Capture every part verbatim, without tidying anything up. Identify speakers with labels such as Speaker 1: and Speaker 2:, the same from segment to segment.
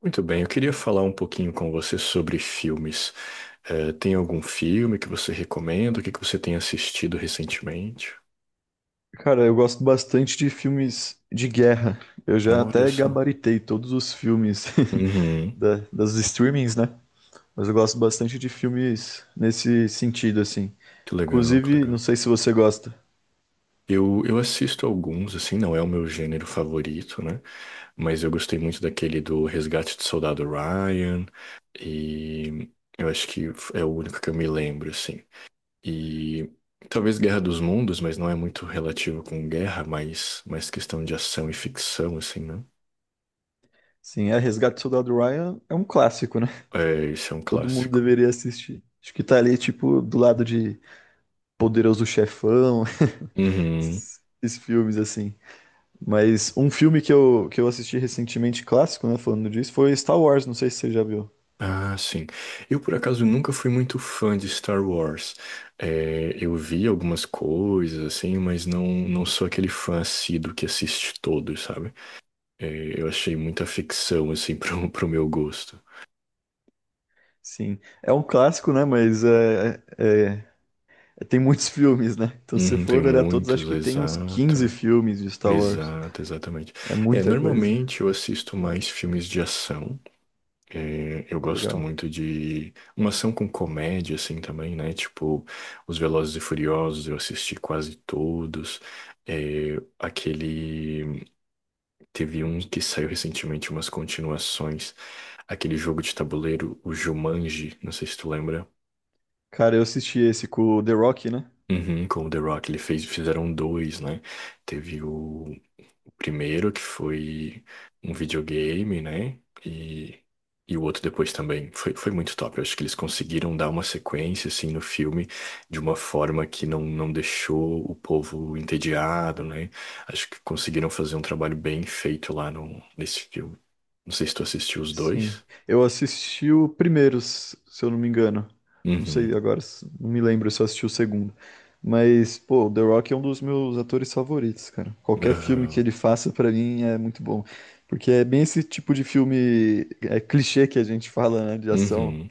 Speaker 1: Muito bem, eu queria falar um pouquinho com você sobre filmes. Eh, tem algum filme que você recomenda? O que que você tem assistido recentemente?
Speaker 2: Cara, eu gosto bastante de filmes de guerra. Eu já
Speaker 1: Olha
Speaker 2: até
Speaker 1: só.
Speaker 2: gabaritei todos os filmes
Speaker 1: Uhum,
Speaker 2: da- das streamings, né? Mas eu gosto bastante de filmes nesse sentido, assim.
Speaker 1: que legal, que
Speaker 2: Inclusive, não
Speaker 1: legal.
Speaker 2: sei se você gosta.
Speaker 1: Eu, eu assisto alguns, assim, não é o meu gênero favorito, né? Mas eu gostei muito daquele do Resgate do Soldado Ryan, e eu acho que é o único que eu me lembro, assim. E talvez Guerra dos Mundos, mas não é muito relativo com guerra, mas mais questão de ação e ficção, assim, né?
Speaker 2: Sim, é, Resgate do Soldado Ryan é um clássico, né?
Speaker 1: É, esse é um
Speaker 2: Todo mundo
Speaker 1: clássico.
Speaker 2: deveria assistir. Acho que tá ali, tipo, do lado de Poderoso Chefão,
Speaker 1: Uhum.
Speaker 2: esses, esses filmes, assim. Mas um filme que eu, que eu assisti recentemente, clássico, né? Falando disso, foi Star Wars. Não sei se você já viu.
Speaker 1: Ah, sim. Eu, por acaso, nunca fui muito fã de Star Wars. É, eu vi algumas coisas, assim, mas não, não sou aquele fã assíduo que assiste todos, sabe? É, eu achei muita ficção, assim, pro, pro meu gosto.
Speaker 2: Sim, é um clássico, né? Mas é, é- é- tem muitos filmes, né? Então, se
Speaker 1: Uhum, tem
Speaker 2: for olhar todos, acho
Speaker 1: muitos,
Speaker 2: que tem uns
Speaker 1: exato.
Speaker 2: quinze filmes de Star Wars.
Speaker 1: Exato, exatamente.
Speaker 2: É
Speaker 1: É,
Speaker 2: muita coisa.
Speaker 1: normalmente eu assisto mais filmes de ação. É, eu gosto
Speaker 2: Legal.
Speaker 1: muito de uma ação com comédia, assim, também, né? Tipo, os Velozes e Furiosos, eu assisti quase todos. É, aquele... Teve um que saiu recentemente, umas continuações. Aquele jogo de tabuleiro, o Jumanji, não sei se tu lembra.
Speaker 2: Cara, eu assisti esse com o The Rock, né?
Speaker 1: Uhum, com o The Rock, ele fez, fizeram dois, né? Teve o primeiro, que foi um videogame, né? E, e o outro depois também. Foi, foi muito top. Eu acho que eles conseguiram dar uma sequência, assim, no filme de uma forma que não, não deixou o povo entediado, né? Acho que conseguiram fazer um trabalho bem feito lá no, nesse filme. Não sei se tu assistiu os
Speaker 2: Sim.
Speaker 1: dois.
Speaker 2: Eu assisti o primeiro, s- se eu não me engano. Não sei
Speaker 1: Uhum.
Speaker 2: agora, s- não me lembro se eu assisti o segundo. Mas, pô, o The Rock é um dos meus atores favoritos, cara. Qualquer filme que
Speaker 1: Aham.
Speaker 2: ele faça, pra mim, é muito bom. Porque é bem esse tipo de filme, é clichê que a gente fala, né, de ação.
Speaker 1: Uhum.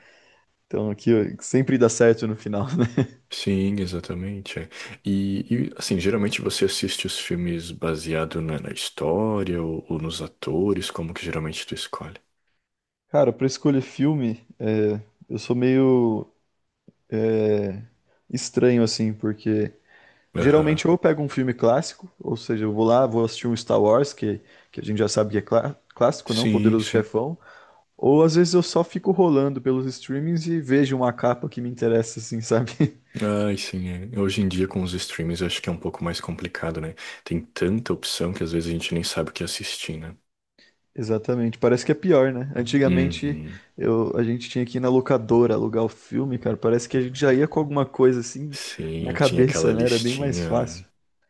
Speaker 2: Então, aqui ó, sempre dá certo no final, né?
Speaker 1: Sim, exatamente. É. E, e, assim, geralmente você assiste os filmes baseado na, na história ou, ou nos atores, como que geralmente tu escolhe?
Speaker 2: Cara, pra escolher filme, é, eu sou meio é, estranho, assim, porque
Speaker 1: Aham.
Speaker 2: geralmente ou eu pego um filme clássico, ou seja, eu vou lá, vou assistir um Star Wars, que, que a gente já sabe que é clá- clássico, não?
Speaker 1: Sim,
Speaker 2: Poderoso
Speaker 1: sim.
Speaker 2: Chefão. Ou às vezes eu só fico rolando pelos streamings e vejo uma capa que me interessa, assim, sabe?
Speaker 1: Ai, sim, é. Hoje em dia com os streams eu acho que é um pouco mais complicado, né? Tem tanta opção que às vezes a gente nem sabe o que assistir, né?
Speaker 2: Exatamente, parece que é pior, né? Antigamente
Speaker 1: Uhum.
Speaker 2: eu, a gente tinha que ir na locadora alugar o filme, cara. Parece que a gente já ia com alguma coisa assim na
Speaker 1: Sim, tinha aquela
Speaker 2: cabeça, né? Era bem mais
Speaker 1: listinha, né?
Speaker 2: fácil.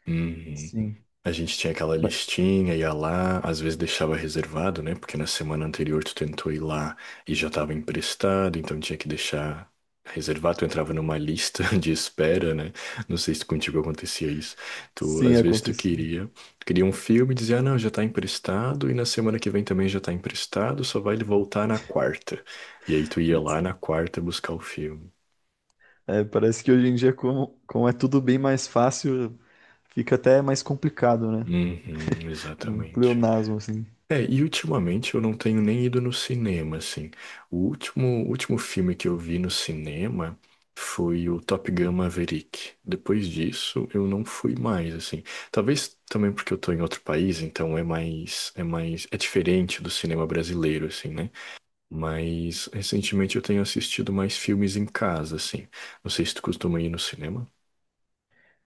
Speaker 1: Uhum.
Speaker 2: Sim,
Speaker 1: A gente tinha aquela
Speaker 2: mas
Speaker 1: listinha, ia lá, às vezes deixava reservado, né? Porque na semana anterior tu tentou ir lá e já estava emprestado, então tinha que deixar reservado. Tu entrava numa lista de espera, né? Não sei se contigo acontecia isso. Tu,
Speaker 2: sim,
Speaker 1: às vezes tu
Speaker 2: acontecia.
Speaker 1: queria, tu queria um filme e dizia, ah, não, já tá emprestado e na semana que vem também já tá emprestado, só vai ele voltar na quarta. E aí tu ia lá na quarta buscar o filme.
Speaker 2: É, parece que hoje em dia, como, como é tudo bem mais fácil, fica até mais complicado, né?
Speaker 1: Uhum,
Speaker 2: Um
Speaker 1: exatamente.
Speaker 2: pleonasmo, assim.
Speaker 1: É, e ultimamente eu não tenho nem ido no cinema, assim. O último, último filme que eu vi no cinema foi o Top Gun Maverick. Depois disso, eu não fui mais, assim. Talvez também porque eu tô em outro país, então é mais, é mais, é diferente do cinema brasileiro, assim, né? Mas recentemente eu tenho assistido mais filmes em casa, assim. Não sei se tu costuma ir no cinema.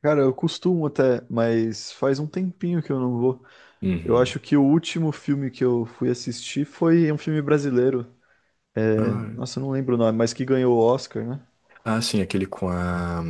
Speaker 2: Cara, eu costumo até, mas faz um tempinho que eu não vou. Eu
Speaker 1: Uhum.
Speaker 2: acho que o último filme que eu fui assistir foi um filme brasileiro.
Speaker 1: Ah, é.
Speaker 2: Nossa, eu não lembro o nome, mas que ganhou o Oscar, né?
Speaker 1: Ah, sim, aquele com a,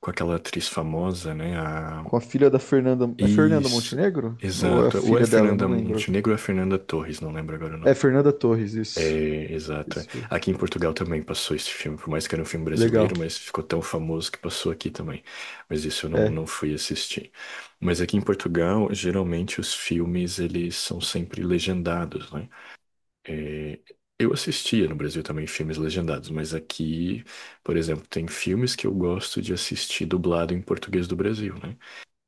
Speaker 1: com aquela atriz famosa, né? A...
Speaker 2: Com a filha da Fernanda. É Fernanda
Speaker 1: Isso,
Speaker 2: Montenegro? Ou é a
Speaker 1: exato. Ou é
Speaker 2: filha dela?
Speaker 1: Fernanda
Speaker 2: Não lembro agora.
Speaker 1: Montenegro ou é Fernanda Torres, não lembro agora o
Speaker 2: É
Speaker 1: nome.
Speaker 2: Fernanda Torres, isso.
Speaker 1: É, exato.
Speaker 2: Isso.
Speaker 1: Aqui em Portugal também passou esse filme, por mais que era um filme
Speaker 2: Legal.
Speaker 1: brasileiro, mas ficou tão famoso que passou aqui também. Mas isso eu não,
Speaker 2: É,
Speaker 1: não fui assistir. Mas aqui em Portugal, geralmente os filmes, eles são sempre legendados, né? É, eu assistia no Brasil também filmes legendados, mas aqui, por exemplo, tem filmes que eu gosto de assistir dublado em português do Brasil, né?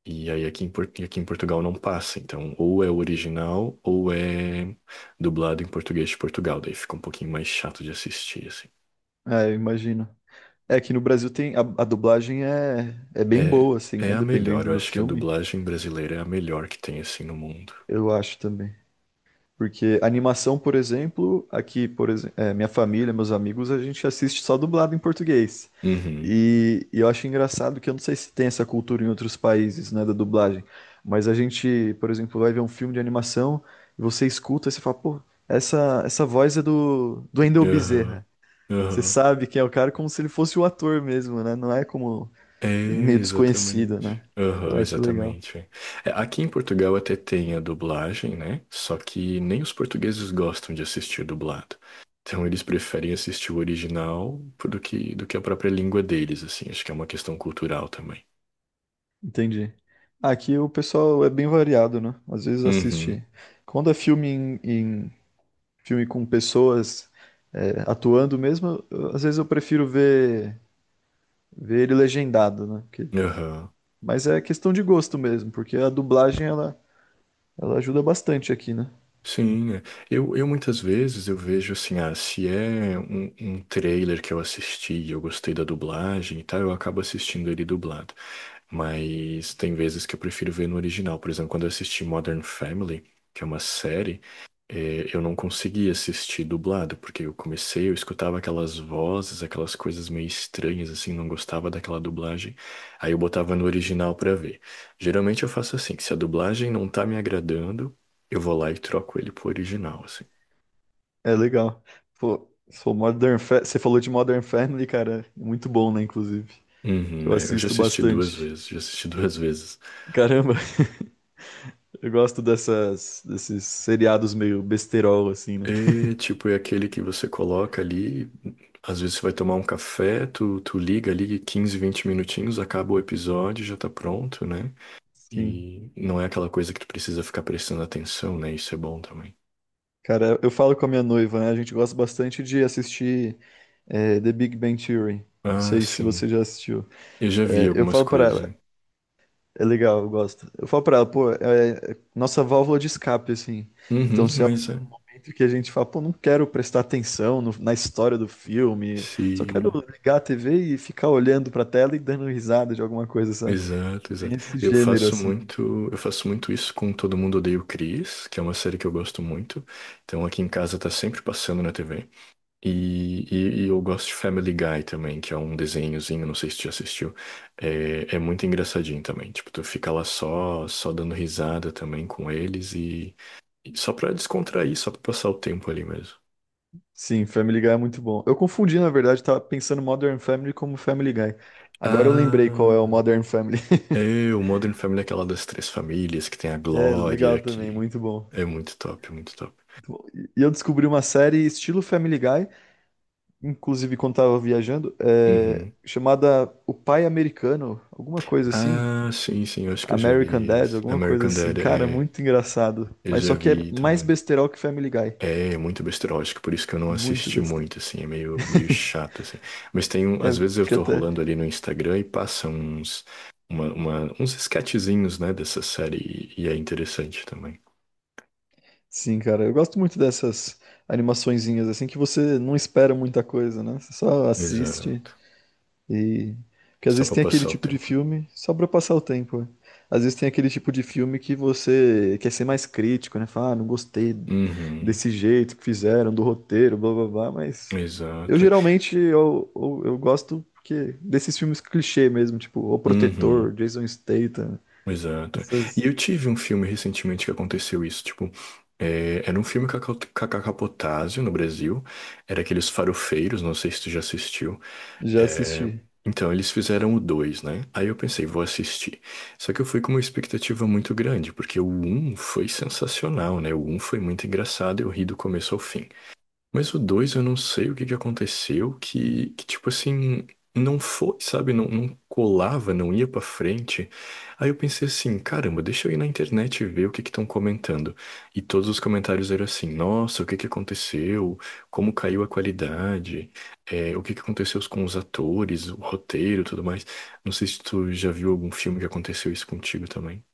Speaker 1: E aí aqui em, Por- e aqui em Portugal não passa, então ou é o original ou é dublado em português de Portugal, daí fica um pouquinho mais chato de assistir, assim.
Speaker 2: é, eu imagino. É que no Brasil tem. A, a dublagem é, é bem
Speaker 1: É,
Speaker 2: boa, assim,
Speaker 1: é
Speaker 2: né?
Speaker 1: a melhor,
Speaker 2: Dependendo
Speaker 1: eu
Speaker 2: do
Speaker 1: acho que a
Speaker 2: filme,
Speaker 1: dublagem brasileira é a melhor que tem, assim, no mundo.
Speaker 2: eu acho também. Porque animação, por exemplo, aqui, por exemplo, minha família, meus amigos, a gente assiste só dublado em português.
Speaker 1: Uhum,
Speaker 2: E, e eu acho engraçado que eu não sei se tem essa cultura em outros países, né, da dublagem. Mas a gente, por exemplo, vai ver um filme de animação e você escuta e você fala, pô, essa, essa voz é do, do Wendell
Speaker 1: aham,
Speaker 2: Bezerra. Você
Speaker 1: aham.
Speaker 2: sabe quem é o cara como se ele fosse o ator mesmo, né? Não é como
Speaker 1: É,
Speaker 2: meio desconhecido,
Speaker 1: exatamente.
Speaker 2: né?
Speaker 1: Aham,
Speaker 2: Eu acho legal.
Speaker 1: exatamente. É, aqui em Portugal até tem a dublagem, né? Só que nem os portugueses gostam de assistir dublado. Então eles preferem assistir o original do que, do que a própria língua deles, assim. Acho que é uma questão cultural também.
Speaker 2: Entendi. Aqui o pessoal é bem variado, né? Às vezes
Speaker 1: Uhum,
Speaker 2: assiste. Quando é filme em, em- filme com pessoas é, atuando mesmo, eu- às vezes eu prefiro ver, ver ele legendado, né? Porque-
Speaker 1: aham.
Speaker 2: mas é questão de gosto mesmo, porque a dublagem ela, ela ajuda bastante aqui, né?
Speaker 1: Sim, é. eu, eu muitas vezes eu vejo assim, ah, se é um, um trailer que eu assisti e eu gostei da dublagem e tal, eu acabo assistindo ele dublado. Mas tem vezes que eu prefiro ver no original. Por exemplo, quando eu assisti Modern Family, que é uma série, eh, eu não conseguia assistir dublado, porque eu comecei, eu escutava aquelas vozes, aquelas coisas meio estranhas, assim, não gostava daquela dublagem. Aí eu botava no original pra ver. Geralmente eu faço assim, se a dublagem não tá me agradando, eu vou lá e troco ele pro original, assim.
Speaker 2: É legal. Pô, sou Modern Fa- Você falou de Modern Family, cara. Muito bom, né? Inclusive,
Speaker 1: Uhum,
Speaker 2: eu
Speaker 1: é, eu já
Speaker 2: assisto
Speaker 1: assisti duas
Speaker 2: bastante.
Speaker 1: vezes, já assisti duas vezes.
Speaker 2: Caramba, eu gosto dessas, desses seriados meio besterol, assim, né?
Speaker 1: É, tipo, é aquele que você coloca ali, às vezes você vai tomar um café, tu, tu liga ali quinze, vinte minutinhos, acaba o episódio, já tá pronto, né?
Speaker 2: Sim.
Speaker 1: E não é aquela coisa que tu precisa ficar prestando atenção, né? Isso é bom também.
Speaker 2: Cara, eu falo com a minha noiva, né? A gente gosta bastante de assistir é, The Big Bang Theory. Não
Speaker 1: Ah,
Speaker 2: sei se
Speaker 1: sim.
Speaker 2: você já assistiu.
Speaker 1: Eu já vi
Speaker 2: É, eu
Speaker 1: algumas
Speaker 2: falo pra
Speaker 1: coisas. Né?
Speaker 2: ela, é legal, eu gosto. Eu falo pra ela, pô, é, é nossa válvula de escape, assim.
Speaker 1: Uhum,
Speaker 2: Então, se é um
Speaker 1: mas é.
Speaker 2: momento que a gente fala, pô, não quero prestar atenção no- na história do filme, só quero
Speaker 1: Se...
Speaker 2: ligar a T V e ficar olhando pra tela e dando risada de alguma coisa, sabe?
Speaker 1: Exato,
Speaker 2: Bem
Speaker 1: exato.
Speaker 2: esse
Speaker 1: Eu
Speaker 2: gênero,
Speaker 1: faço
Speaker 2: assim.
Speaker 1: muito, eu faço muito isso com Todo Mundo Odeia o Chris, que é uma série que eu gosto muito. Então aqui em casa tá sempre passando na T V. E, e- e eu gosto de Family Guy também, que é um desenhozinho, não sei se tu já assistiu. É, é muito engraçadinho também. Tipo, tu fica lá só, só dando risada também com eles e, e só pra descontrair, só pra passar o tempo ali mesmo.
Speaker 2: Sim, Family Guy é muito bom. Eu confundi, na verdade, tava pensando Modern Family como Family Guy. Agora eu lembrei qual
Speaker 1: Ah,
Speaker 2: é o Modern Family.
Speaker 1: é, o Modern Family é aquela das três famílias que tem a
Speaker 2: É legal
Speaker 1: Glória,
Speaker 2: também,
Speaker 1: que
Speaker 2: muito bom.
Speaker 1: é muito top, muito top.
Speaker 2: Muito bom. E e eu descobri uma série estilo Family Guy, inclusive quando tava viajando, é,
Speaker 1: Uhum.
Speaker 2: chamada O Pai Americano, alguma coisa assim.
Speaker 1: Ah, sim, sim, eu acho que eu já
Speaker 2: American
Speaker 1: vi
Speaker 2: Dad,
Speaker 1: isso.
Speaker 2: alguma coisa
Speaker 1: American
Speaker 2: assim.
Speaker 1: Dad,
Speaker 2: Cara,
Speaker 1: é,
Speaker 2: muito engraçado.
Speaker 1: eu
Speaker 2: Mas só
Speaker 1: já
Speaker 2: que é
Speaker 1: vi
Speaker 2: mais
Speaker 1: também.
Speaker 2: besterol que Family Guy.
Speaker 1: É, é muito besteira, que por isso que eu não
Speaker 2: Muito
Speaker 1: assisti
Speaker 2: besteira.
Speaker 1: muito, assim, é meio, meio chato, assim. Mas tem um, às
Speaker 2: É,
Speaker 1: vezes eu
Speaker 2: fica
Speaker 1: tô
Speaker 2: até.
Speaker 1: rolando ali no Instagram e passa uns, uma, uma- uns sketchzinhos, né, dessa série e, e é interessante também.
Speaker 2: Sim, cara, eu gosto muito dessas animaçõezinhas assim que você não espera muita coisa, né? Você só assiste
Speaker 1: Exato.
Speaker 2: e porque às
Speaker 1: Só
Speaker 2: vezes
Speaker 1: pra
Speaker 2: tem aquele
Speaker 1: passar o
Speaker 2: tipo de
Speaker 1: tempo.
Speaker 2: filme só pra passar o tempo, né? Às vezes tem aquele tipo de filme que você quer ser mais crítico, né? Fala, ah, não gostei
Speaker 1: Uhum,
Speaker 2: desse jeito que fizeram, do roteiro, blá blá blá, mas eu
Speaker 1: exato.
Speaker 2: geralmente eu, eu, eu gosto porque desses filmes clichê mesmo, tipo O
Speaker 1: Uhum.
Speaker 2: Protetor, Jason Statham,
Speaker 1: Exato. E
Speaker 2: essas
Speaker 1: eu tive um filme recentemente que aconteceu isso, tipo, é, era um filme com a Cal- com a Cacá Potásio no Brasil, era aqueles farofeiros, não sei se tu já assistiu.
Speaker 2: já
Speaker 1: É,
Speaker 2: assisti.
Speaker 1: então, eles fizeram o dois né? Aí eu pensei, vou assistir. Só que eu fui com uma expectativa muito grande, porque o um foi sensacional, né? O um foi muito engraçado, eu ri do começo ao fim. Mas o dois eu não sei o que que aconteceu, que, que tipo assim, não foi, sabe? Não, não colava, não ia pra frente. Aí eu pensei assim, caramba, deixa eu ir na internet e ver o que que estão comentando. E todos os comentários eram assim, nossa, o que que aconteceu? Como caiu a qualidade? É, o que que aconteceu com os atores, o roteiro, e tudo mais. Não sei se tu já viu algum filme que aconteceu isso contigo também.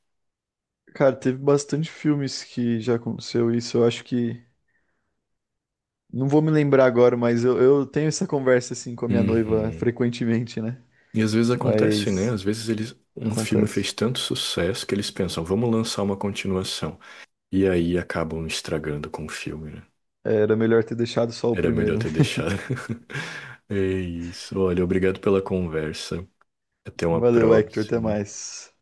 Speaker 2: Cara, teve bastante filmes que já aconteceu isso. Eu acho que. Não vou me lembrar agora, mas eu, eu tenho essa conversa assim com a minha noiva
Speaker 1: Uhum.
Speaker 2: frequentemente, né?
Speaker 1: E às vezes acontece, né?
Speaker 2: Mas
Speaker 1: Às vezes eles, um filme
Speaker 2: acontece.
Speaker 1: fez tanto sucesso que eles pensam, vamos lançar uma continuação. E aí acabam estragando com o filme, né?
Speaker 2: Era melhor ter deixado só o
Speaker 1: Era melhor
Speaker 2: primeiro, né?
Speaker 1: ter deixado. É isso. Olha, obrigado pela conversa. Até uma
Speaker 2: Valeu, Hector. Até
Speaker 1: próxima.
Speaker 2: mais.